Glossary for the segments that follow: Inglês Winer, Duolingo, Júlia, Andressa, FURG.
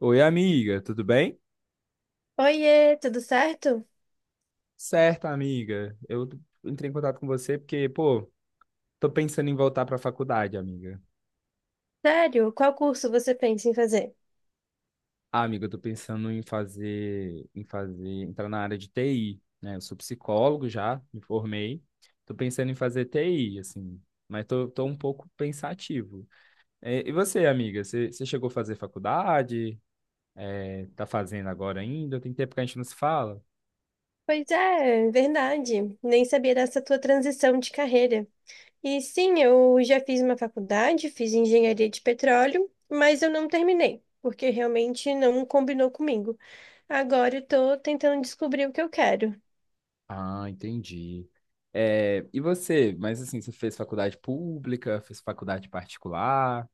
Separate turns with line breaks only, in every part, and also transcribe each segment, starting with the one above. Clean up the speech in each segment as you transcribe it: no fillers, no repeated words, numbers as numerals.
Oi, amiga, tudo bem?
Oiê, tudo certo?
Certo, amiga. Eu entrei em contato com você porque, pô, tô pensando em voltar pra faculdade, amiga.
Sério, qual curso você pensa em fazer?
Ah, amiga, eu tô pensando entrar na área de TI, né? Eu sou psicólogo já, me formei. Tô pensando em fazer TI, assim, mas tô um pouco pensativo. E você, amiga, você chegou a fazer faculdade? Tá fazendo agora ainda? Tem tempo que a gente não se fala?
Pois é, verdade. Nem sabia dessa tua transição de carreira. E sim, eu já fiz uma faculdade, fiz engenharia de petróleo, mas eu não terminei, porque realmente não combinou comigo. Agora eu tô tentando descobrir o que eu quero.
Ah, entendi. É, e você? Mas assim, você fez faculdade pública, fez faculdade particular?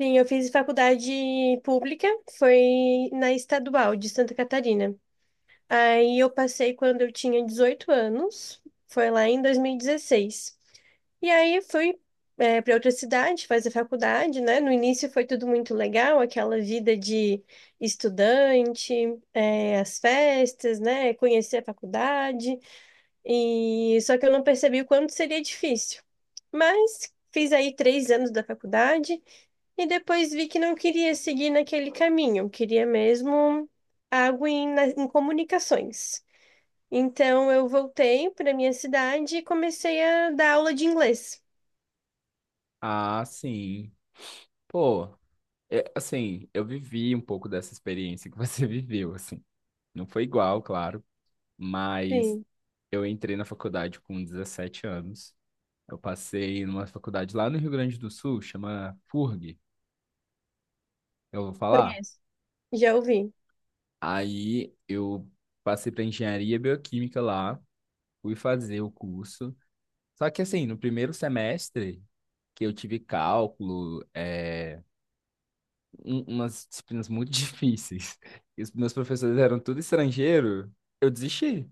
Sim, eu fiz faculdade pública, foi na Estadual de Santa Catarina. Aí eu passei quando eu tinha 18 anos, foi lá em 2016. E 16. E aí fui para outra cidade fazer faculdade, né? No início foi tudo muito legal, aquela vida de estudante, as festas, né? Conhecer a faculdade. E só que eu não percebi o quanto seria difícil. Mas fiz aí 3 anos da faculdade e depois vi que não queria seguir naquele caminho, eu queria mesmo algo em comunicações. Então eu voltei para minha cidade e comecei a dar aula de inglês.
Ah, sim. Pô, assim, eu vivi um pouco dessa experiência que você viveu, assim. Não foi igual, claro, mas
Sim,
eu entrei na faculdade com 17 anos. Eu passei numa faculdade lá no Rio Grande do Sul, chama FURG, eu vou falar.
conheço. Já ouvi.
Aí eu passei para engenharia bioquímica lá, fui fazer o curso. Só que assim, no primeiro semestre que eu tive cálculo, umas disciplinas muito difíceis, e os meus professores eram tudo estrangeiro, eu desisti.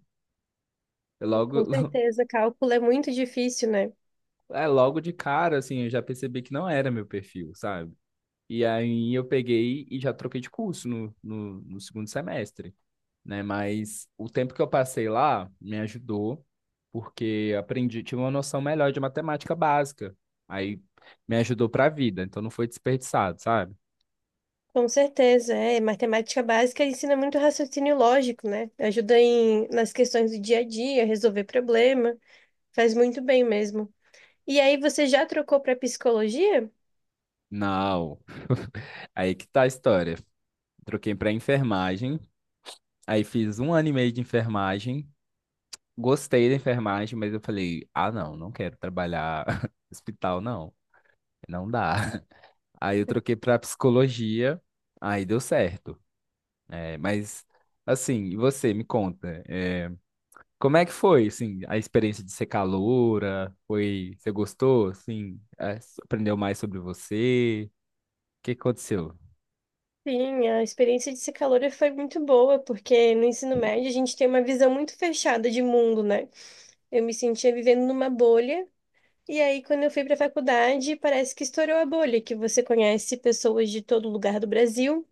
Eu logo,
Com certeza, cálculo é muito difícil, né?
logo de cara, assim, eu já percebi que não era meu perfil, sabe? E aí eu peguei e já troquei de curso no segundo semestre, né? Mas o tempo que eu passei lá me ajudou, porque aprendi, tive uma noção melhor de matemática básica. Aí me ajudou para a vida, então não foi desperdiçado, sabe?
Com certeza, é. Matemática básica ensina muito raciocínio lógico, né? Ajuda nas questões do dia a dia, resolver problema. Faz muito bem mesmo. E aí, você já trocou para psicologia?
Não. Aí que tá a história. Troquei para enfermagem, aí fiz um ano e meio de enfermagem. Gostei da enfermagem, mas eu falei: "Ah, não, não quero trabalhar no hospital não, não dá". Aí eu troquei para psicologia, aí deu certo. Mas assim, e você me conta, como é que foi, assim, a experiência de ser caloura? Foi, você gostou, assim, aprendeu mais sobre você? O que aconteceu?
Sim, a experiência de psicologia foi muito boa, porque no ensino médio a gente tem uma visão muito fechada de mundo, né? Eu me sentia vivendo numa bolha. E aí, quando eu fui para a faculdade, parece que estourou a bolha, que você conhece pessoas de todo lugar do Brasil.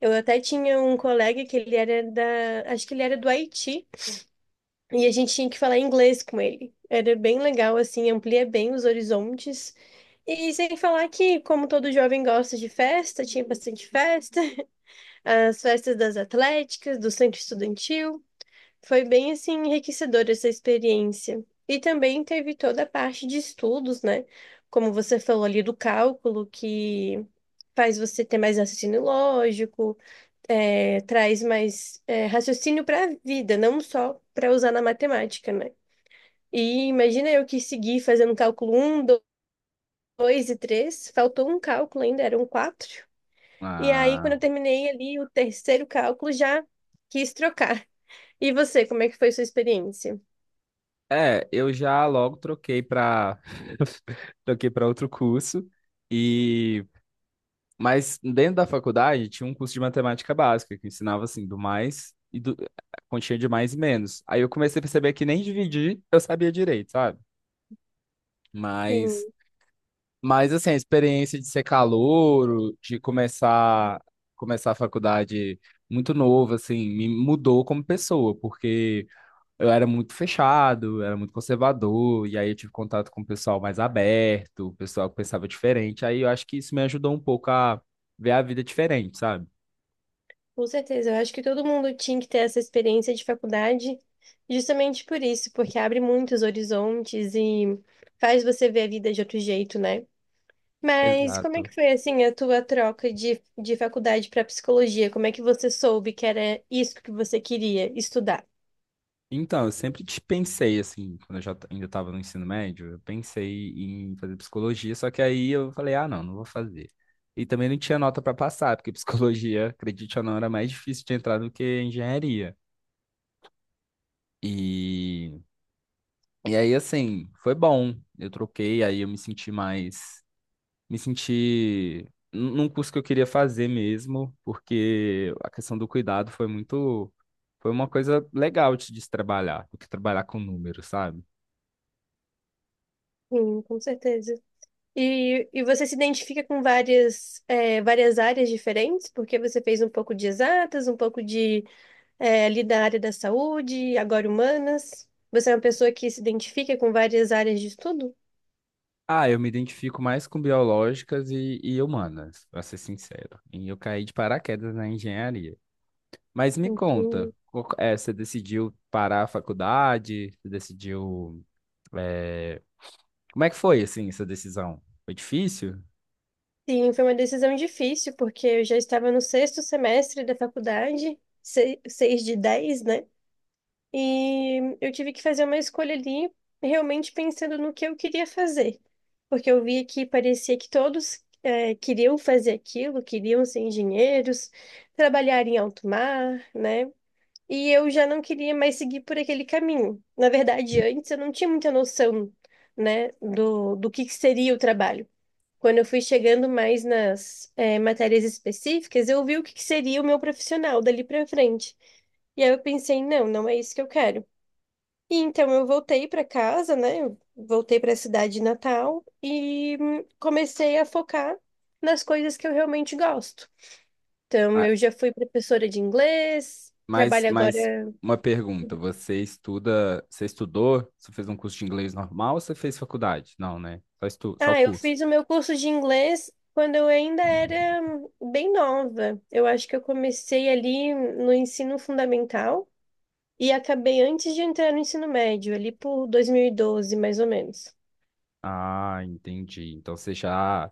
Eu até tinha um colega que ele era da, acho que ele era do Haiti, e a gente tinha que falar inglês com ele. Era bem legal, assim, amplia bem os horizontes. E sem falar que, como todo jovem gosta de festa, tinha bastante festa, as festas das atléticas, do centro estudantil. Foi bem assim enriquecedora essa experiência. E também teve toda a parte de estudos, né? Como você falou ali do cálculo, que faz você ter mais raciocínio lógico, traz mais raciocínio para a vida, não só para usar na matemática, né? E imagina eu que segui fazendo cálculo um, 2 e três, faltou um cálculo ainda, eram quatro. E aí, quando
Ah,
eu terminei ali o terceiro cálculo, já quis trocar. E você, como é que foi sua experiência?
eu já logo troquei para troquei para outro curso e mas dentro da faculdade tinha um curso de matemática básica que ensinava assim do mais e do a continha de mais e menos. Aí eu comecei a perceber que nem dividir eu sabia direito, sabe? Mas
Sim.
Mas assim, a experiência de ser calouro, de começar a faculdade muito novo, assim, me mudou como pessoa, porque eu era muito fechado, era muito conservador, e aí eu tive contato com o pessoal mais aberto, o pessoal que pensava diferente. Aí eu acho que isso me ajudou um pouco a ver a vida diferente, sabe?
Com certeza, eu acho que todo mundo tinha que ter essa experiência de faculdade, justamente por isso, porque abre muitos horizontes e faz você ver a vida de outro jeito, né? Mas como é
Exato.
que foi assim a tua troca de faculdade para psicologia? Como é que você soube que era isso que você queria estudar?
Então, eu sempre te pensei, assim, quando eu já ainda estava no ensino médio, eu pensei em fazer psicologia, só que aí eu falei, ah, não, não vou fazer. E também não tinha nota para passar, porque psicologia, acredite ou não, era mais difícil de entrar do que engenharia. E, e aí, assim, foi bom. Eu troquei, aí eu me senti mais. Me senti num curso que eu queria fazer mesmo, porque a questão do cuidado foi muito. Foi uma coisa legal de se trabalhar, do que trabalhar com números, sabe?
Sim, com certeza. E você se identifica com várias, várias áreas diferentes, porque você fez um pouco de exatas, um pouco de ali da área da saúde, agora humanas. Você é uma pessoa que se identifica com várias áreas de estudo?
Ah, eu me identifico mais com biológicas e humanas, para ser sincero. E eu caí de paraquedas na engenharia. Mas me conta,
Entendo.
você decidiu parar a faculdade? Você decidiu. eh, Como é que foi, assim, essa decisão? Foi difícil?
Sim, foi uma decisão difícil, porque eu já estava no sexto semestre da faculdade, 6 de 10, né? E eu tive que fazer uma escolha ali, realmente pensando no que eu queria fazer. Porque eu via que parecia que todos, queriam fazer aquilo, queriam ser engenheiros, trabalhar em alto mar, né? E eu já não queria mais seguir por aquele caminho. Na verdade, antes eu não tinha muita noção, né, do que seria o trabalho. Quando eu fui chegando mais nas matérias específicas, eu vi o que que seria o meu profissional dali para frente. E aí eu pensei, não, não é isso que eu quero. E então eu voltei para casa, né, eu voltei para a cidade natal e comecei a focar nas coisas que eu realmente gosto. Então,
Ah,
eu já fui professora de inglês,
Mas,
trabalho agora.
mas uma pergunta: você estuda, você estudou? Você fez um curso de inglês normal ou você fez faculdade? Não, né? Só o
Ah, eu
curso.
fiz o meu curso de inglês quando eu ainda era bem nova. Eu acho que eu comecei ali no ensino fundamental e acabei antes de entrar no ensino médio, ali por 2012, mais ou menos.
Ah, entendi. Então você já.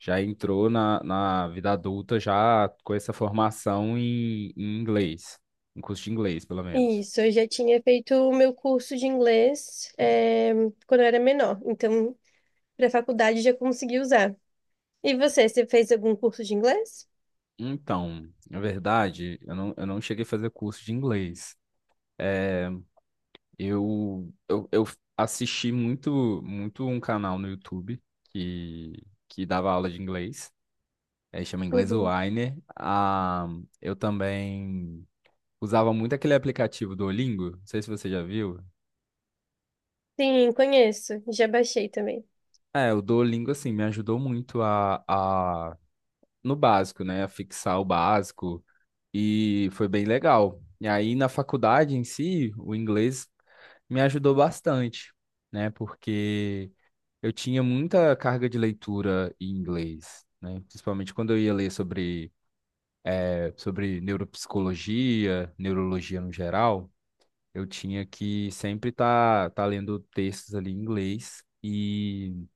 Já entrou na vida adulta já com essa formação em inglês, em curso de inglês, pelo menos.
Isso, eu já tinha feito o meu curso de inglês, quando eu era menor, então para a faculdade já consegui usar. E você, você fez algum curso de inglês?
Então, na verdade, eu não cheguei a fazer curso de inglês. Eu assisti muito, muito um canal no YouTube que, que dava aula de inglês. É, chama Inglês
Uhum.
Winer. Ah, eu também usava muito aquele aplicativo Duolingo. Não sei se você já viu.
Sim, conheço. Já baixei também.
É, o Duolingo, assim, me ajudou muito no básico, né? A fixar o básico. E foi bem legal. E aí, na faculdade em si, o inglês me ajudou bastante, né? Porque eu tinha muita carga de leitura em inglês, né? Principalmente quando eu ia ler sobre neuropsicologia, neurologia no geral, eu tinha que sempre estar tá lendo textos ali em inglês e,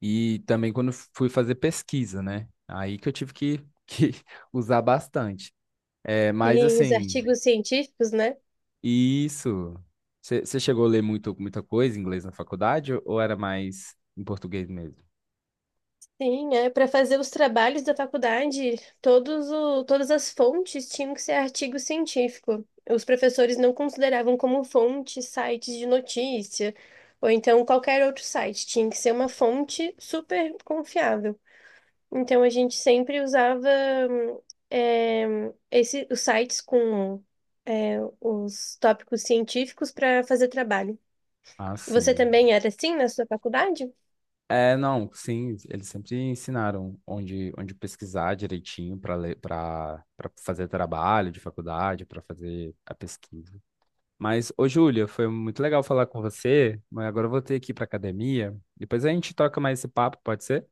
e também quando fui fazer pesquisa, né? Aí que eu tive que, que usar bastante. É, mas
Sim, os
assim,
artigos científicos, né?
isso. Você chegou a ler muito, muita coisa em inglês na faculdade ou era mais em português mesmo?
Sim, é para fazer os trabalhos da faculdade, todas as fontes tinham que ser artigo científico. Os professores não consideravam como fonte sites de notícia, ou então qualquer outro site, tinha que ser uma fonte super confiável. Então a gente sempre usava hum, os sites com os tópicos científicos para fazer trabalho.
Ah,
Você
sim.
também era assim na sua faculdade?
É, não, sim, eles sempre ensinaram onde pesquisar direitinho para ler, para fazer trabalho de faculdade, para fazer a pesquisa. Mas, ô Júlia, foi muito legal falar com você, mas agora eu vou ter que ir para academia. Depois a gente troca mais esse papo, pode ser?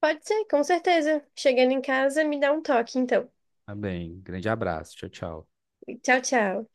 Pode ser, com certeza. Chegando em casa, me dá um toque, então.
Tá bem, grande abraço, tchau, tchau.
Tchau, tchau.